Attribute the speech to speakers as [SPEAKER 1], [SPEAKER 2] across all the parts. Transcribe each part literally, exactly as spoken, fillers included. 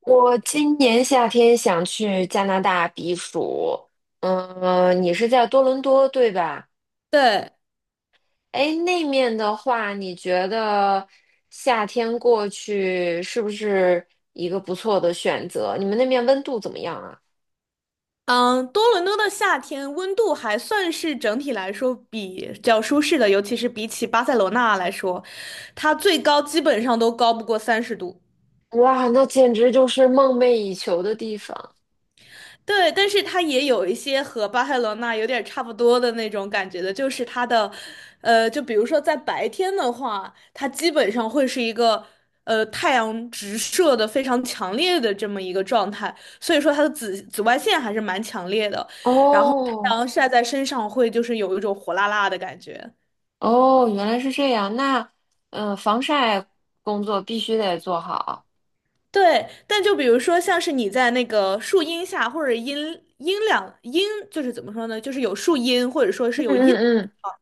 [SPEAKER 1] 我今年夏天想去加拿大避暑，嗯，你是在多伦多对吧？
[SPEAKER 2] 对，
[SPEAKER 1] 哎，那面的话，你觉得夏天过去是不是一个不错的选择？你们那面温度怎么样啊？
[SPEAKER 2] 嗯，多伦多的夏天温度还算是整体来说比较舒适的，尤其是比起巴塞罗那来说，它最高基本上都高不过三十度。
[SPEAKER 1] 哇，那简直就是梦寐以求的地方。
[SPEAKER 2] 对，但是它也有一些和巴塞罗那有点差不多的那种感觉的，就是它的，呃，就比如说在白天的话，它基本上会是一个，呃，太阳直射的非常强烈的这么一个状态，所以说它的紫紫外线还是蛮强烈的，然后太
[SPEAKER 1] 哦
[SPEAKER 2] 阳晒在身上会就是有一种火辣辣的感觉。
[SPEAKER 1] 哦，原来是这样。那嗯，呃防晒工作必须得做好。
[SPEAKER 2] 对，但就比如说，像是你在那个树荫下，或者阴阴凉阴，就是怎么说呢？就是有树荫，或者说是
[SPEAKER 1] 嗯
[SPEAKER 2] 有阴的地
[SPEAKER 1] 嗯
[SPEAKER 2] 方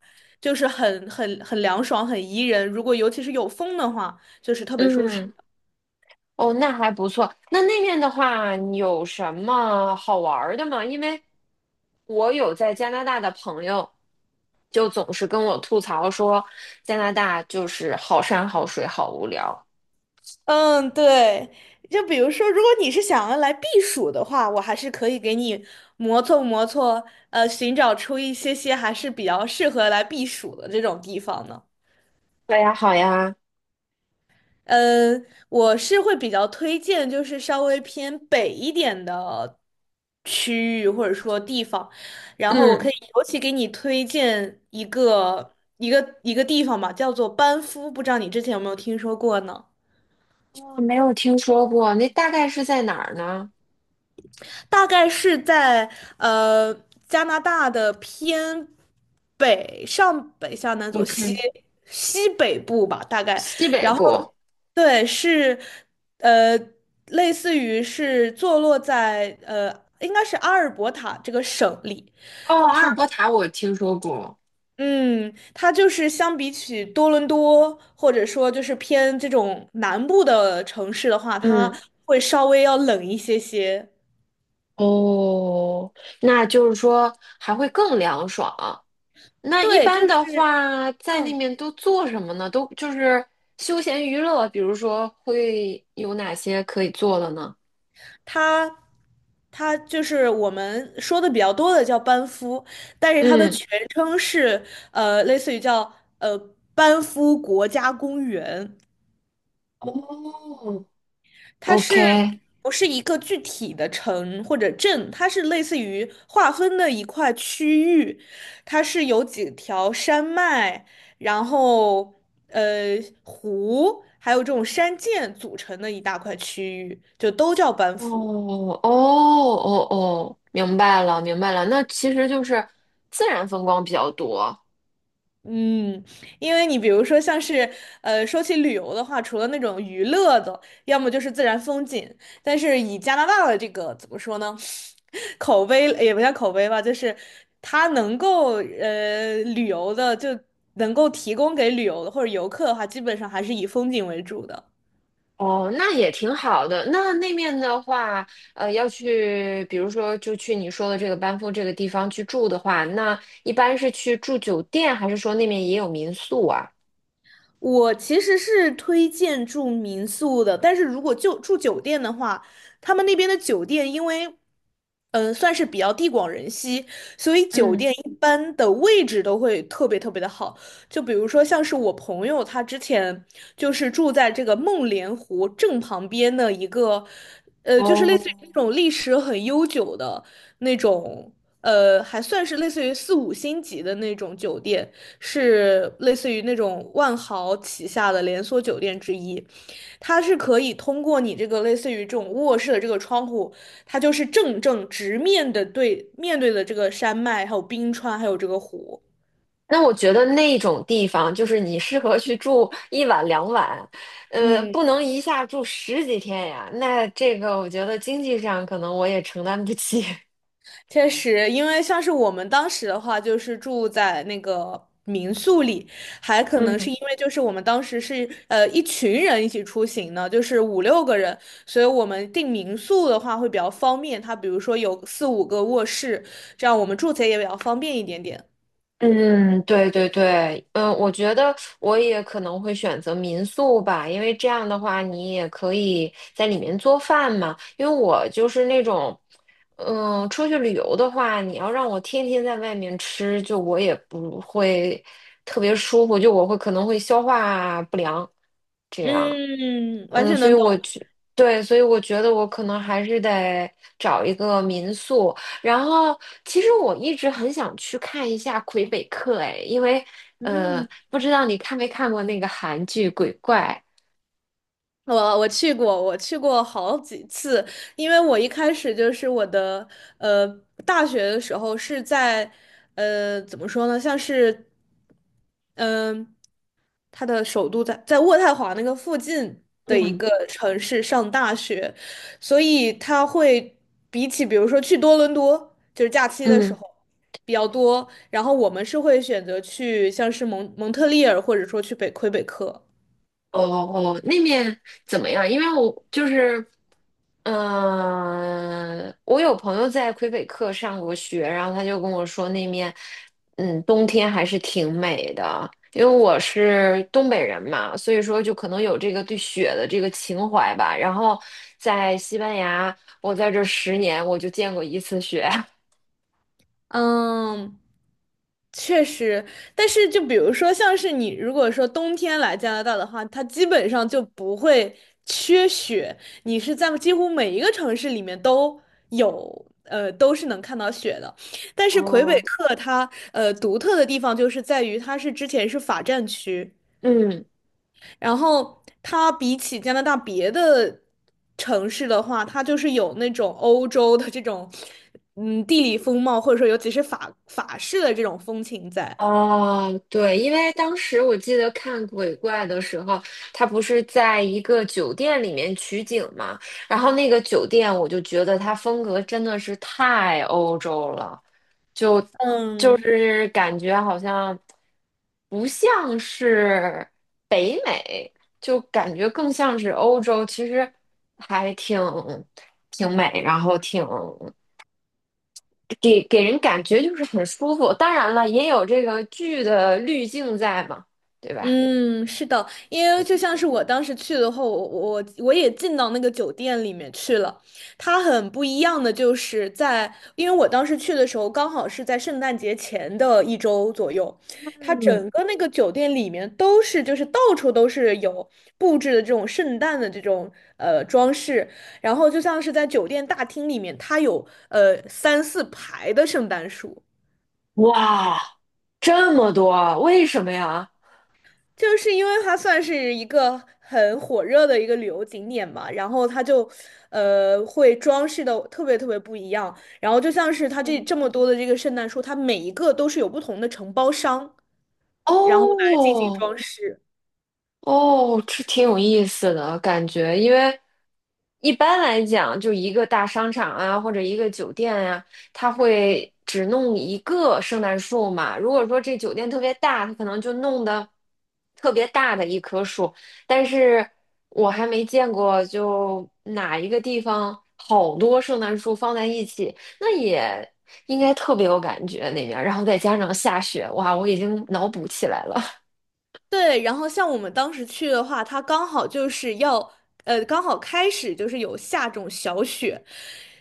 [SPEAKER 2] 就是很很很凉爽，很宜人。如果尤其是有风的话，就是特别
[SPEAKER 1] 嗯
[SPEAKER 2] 舒适。
[SPEAKER 1] 嗯。哦，那还不错。那那面的话，你有什么好玩儿的吗？因为我有在加拿大的朋友，就总是跟我吐槽说，加拿大就是好山好水好无聊。
[SPEAKER 2] 嗯，对。就比如说，如果你是想要来避暑的话，我还是可以给你磨蹭磨蹭，呃，寻找出一些些还是比较适合来避暑的这种地方呢。
[SPEAKER 1] 对呀，好呀，
[SPEAKER 2] 呃，我是会比较推荐，就是稍微偏北一点的区域或者说地方，然后我可
[SPEAKER 1] 嗯，
[SPEAKER 2] 以尤其给你推荐一个一个一个地方吧，叫做班夫，不知道你之前有没有听说过呢？
[SPEAKER 1] 我没有听说过，那大概是在哪儿呢
[SPEAKER 2] 大概是在呃加拿大的偏北上北下南左西
[SPEAKER 1] ？OK，
[SPEAKER 2] 西北部吧，大概。
[SPEAKER 1] 西北
[SPEAKER 2] 然后
[SPEAKER 1] 部。
[SPEAKER 2] 对，是呃类似于是坐落在呃应该是阿尔伯塔这个省里。
[SPEAKER 1] 哦，阿尔伯塔我听说过。
[SPEAKER 2] 嗯，它就是相比起多伦多，或者说就是偏这种南部的城市的话，它
[SPEAKER 1] 嗯，
[SPEAKER 2] 会稍微要冷一些些。
[SPEAKER 1] 哦，那就是说还会更凉爽。那一
[SPEAKER 2] 对，
[SPEAKER 1] 般
[SPEAKER 2] 就
[SPEAKER 1] 的
[SPEAKER 2] 是。
[SPEAKER 1] 话，在那
[SPEAKER 2] 嗯。
[SPEAKER 1] 面都做什么呢？都就是休闲娱乐，比如说会有哪些可以做的呢？
[SPEAKER 2] 它它就是我们说的比较多的叫班夫，但是它的
[SPEAKER 1] 嗯，
[SPEAKER 2] 全称是呃，类似于叫呃班夫国家公园，
[SPEAKER 1] 哦
[SPEAKER 2] 它是
[SPEAKER 1] OK，
[SPEAKER 2] 不是一个具体的城或者镇？它是类似于划分的一块区域，它是有几条山脉，然后呃湖，还有这种山涧组成的一大块区域，就都叫班
[SPEAKER 1] 哦
[SPEAKER 2] 夫。
[SPEAKER 1] 哦哦哦，明白了明白了。那其实就是自然风光比较多
[SPEAKER 2] 嗯，因为你比如说像是，呃，说起旅游的话，除了那种娱乐的，要么就是自然风景，但是以加拿大的这个怎么说呢，口碑也不叫口碑吧，就是它能够呃旅游的，就能够提供给旅游的或者游客的话，基本上还是以风景为主的。
[SPEAKER 1] 哦，那也挺好的。那那面的话，呃，要去，比如说就去你说的这个班夫这个地方去住的话，那一般是去住酒店，还是说那面也有民宿啊？
[SPEAKER 2] 我其实是推荐住民宿的，但是如果就住酒店的话，他们那边的酒店因为，嗯、算是比较地广人稀，所以酒店
[SPEAKER 1] 嗯，
[SPEAKER 2] 一般的位置都会特别特别的好。就比如说像是我朋友，他之前就是住在这个梦莲湖正旁边的一个。呃，就是类似于那
[SPEAKER 1] 哦，
[SPEAKER 2] 种历史很悠久的那种，呃，还算是类似于四五星级的那种酒店，是类似于那种万豪旗下的连锁酒店之一。它是可以通过你这个类似于这种卧室的这个窗户，它就是正正直面的对面对的这个山脉，还有冰川，还有这个湖。
[SPEAKER 1] 那我觉得那种地方就是你适合去住一晚两晚，呃，
[SPEAKER 2] 嗯。
[SPEAKER 1] 不能一下住十几天呀。那这个我觉得经济上可能我也承担不起。
[SPEAKER 2] 确实，因为像是我们当时的话，就是住在那个民宿里，还可能
[SPEAKER 1] 嗯。
[SPEAKER 2] 是因为就是我们当时是呃一群人一起出行呢，就是五六个人，所以我们订民宿的话会比较方便。它比如说有四五个卧室，这样我们住起来也比较方便一点点。
[SPEAKER 1] 嗯，对对对，嗯，我觉得我也可能会选择民宿吧，因为这样的话你也可以在里面做饭嘛。因为我就是那种，嗯，出去旅游的话，你要让我天天在外面吃，就我也不会特别舒服，就我会可能会消化不良这样。
[SPEAKER 2] 嗯，完
[SPEAKER 1] 嗯，
[SPEAKER 2] 全
[SPEAKER 1] 所以
[SPEAKER 2] 能
[SPEAKER 1] 我
[SPEAKER 2] 懂。
[SPEAKER 1] 觉，对，所以我觉得我可能还是得找一个民宿。然后，其实我一直很想去看一下魁北克，哎，因为呃，
[SPEAKER 2] 嗯，
[SPEAKER 1] 不知道你看没看过那个韩剧《鬼怪》？
[SPEAKER 2] 我我去过，我去过好几次，因为我一开始就是我的呃大学的时候是在呃怎么说呢，像是嗯、它的首都在在渥太华那个附近的一
[SPEAKER 1] 嗯
[SPEAKER 2] 个城市上大学，所以他会比起比如说去多伦多，就是假期的时
[SPEAKER 1] 嗯，
[SPEAKER 2] 候比较多，然后我们是会选择去像是蒙蒙特利尔或者说去北魁北克。
[SPEAKER 1] 哦哦，那面怎么样？因为我就是嗯，我有朋友在魁北克上过学，然后他就跟我说那面，嗯，冬天还是挺美的。因为我是东北人嘛，所以说就可能有这个对雪的这个情怀吧。然后在西班牙，我在这十年我就见过一次雪。
[SPEAKER 2] 嗯，确实，但是就比如说，像是你如果说冬天来加拿大的话，它基本上就不会缺雪，你是在几乎每一个城市里面都有，呃，都是能看到雪的。但是魁北
[SPEAKER 1] 哦，
[SPEAKER 2] 克它呃独特的地方就是在于它是之前是法占区。
[SPEAKER 1] 嗯。
[SPEAKER 2] 然后它比起加拿大别的城市的话，它就是有那种欧洲的这种，嗯，地理风貌，或者说尤其是法法式的这种风情在。
[SPEAKER 1] 哦，对，因为当时我记得看鬼怪的时候，他不是在一个酒店里面取景嘛，然后那个酒店我就觉得它风格真的是太欧洲了，就就
[SPEAKER 2] 嗯，
[SPEAKER 1] 是感觉好像不像是北美，就感觉更像是欧洲，其实还挺挺美，然后挺给给人感觉就是很舒服。当然了，也有这个剧的滤镜在嘛，对吧？
[SPEAKER 2] 嗯，是的，因为就像是我当时去的话，我我我也进到那个酒店里面去了。它很不一样的就是在，因为我当时去的时候刚好是在圣诞节前的一周左右，它
[SPEAKER 1] 嗯，
[SPEAKER 2] 整个那个酒店里面都是就是到处都是有布置的这种圣诞的这种呃装饰，然后就像是在酒店大厅里面，它有呃三四排的圣诞树。
[SPEAKER 1] 哇，这么多，为什么呀？
[SPEAKER 2] 就是因为它算是一个很火热的一个旅游景点嘛，然后它就，呃，会装饰的特别特别不一样。然后就像是它这
[SPEAKER 1] 嗯
[SPEAKER 2] 这么多的这个圣诞树，它每一个都是有不同的承包商，然后来进行
[SPEAKER 1] 哦
[SPEAKER 2] 装饰。
[SPEAKER 1] 哦，这挺有意思的感觉，因为一般来讲，就一个大商场啊，或者一个酒店呀、它会只弄一个圣诞树嘛。如果说这酒店特别大，它可能就弄的特别大的一棵树。但是我还没见过，就哪一个地方好多圣诞树放在一起，那也应该特别有感觉那边儿然后再加上下雪，哇，我已经脑补起来了。
[SPEAKER 2] 对，然后像我们当时去的话，它刚好就是要，呃，刚好开始就是有下这种小雪，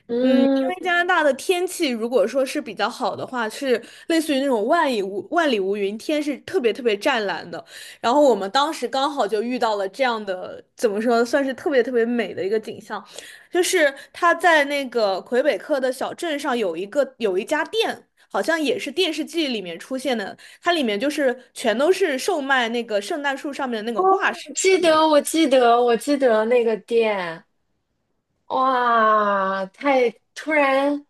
[SPEAKER 1] 嗯，
[SPEAKER 2] 加拿大的天气如果说是比较好的话，是类似于那种万里无万里无云，天是特别特别湛蓝的。然后我们当时刚好就遇到了这样的，怎么说，算是特别特别美的一个景象，就是它在那个魁北克的小镇上有一个有一家店。好像也是电视剧里面出现的，它里面就是全都是售卖那个圣诞树上面的那个挂饰
[SPEAKER 1] 记
[SPEAKER 2] 的那个。
[SPEAKER 1] 得，我记得，我记得那个店。哇，太突然，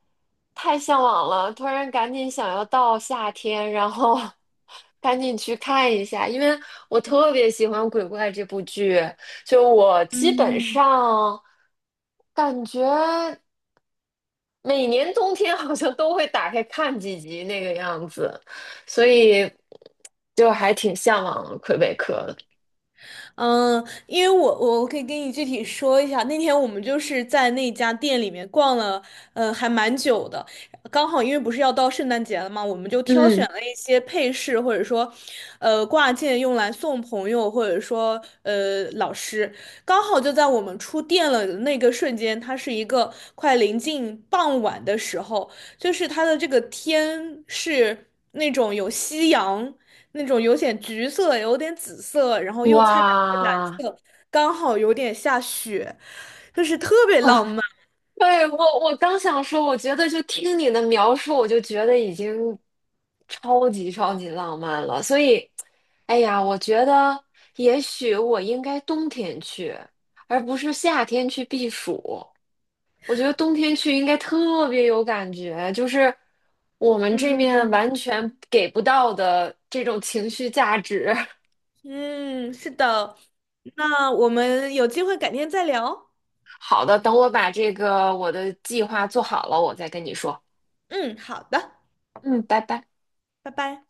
[SPEAKER 1] 太向往了，突然赶紧想要到夏天，然后 赶紧去看一下，因为我特别喜欢《鬼怪》这部剧，就我基本
[SPEAKER 2] 嗯，
[SPEAKER 1] 上感觉每年冬天好像都会打开看几集那个样子，所以就还挺向往魁北克的。
[SPEAKER 2] 嗯，因为我我可以跟你具体说一下，那天我们就是在那家店里面逛了，呃，还蛮久的。刚好因为不是要到圣诞节了嘛，我们就挑选
[SPEAKER 1] 嗯，
[SPEAKER 2] 了一些配饰，或者说，呃，挂件用来送朋友，或者说，呃，老师。刚好就在我们出店了的那个瞬间，它是一个快临近傍晚的时候，就是它的这个天是那种有夕阳。那种有点橘色，有点紫色，然后又掺杂着蓝
[SPEAKER 1] 哇。
[SPEAKER 2] 色，刚好有点下雪，就是特别浪漫。
[SPEAKER 1] 对，我我刚想说，我觉得就听你的描述，我就觉得已经超级超级浪漫了。所以，哎呀，我觉得也许我应该冬天去，而不是夏天去避暑。我觉得冬天去应该特别有感觉，就是我们这面
[SPEAKER 2] 嗯
[SPEAKER 1] 完全给不到的这种情绪价值。
[SPEAKER 2] 嗯，是的，那我们有机会改天再聊。
[SPEAKER 1] 好的，等我把这个我的计划做好了，我再跟你说。
[SPEAKER 2] 嗯，好的，
[SPEAKER 1] 嗯，拜拜。
[SPEAKER 2] 拜拜。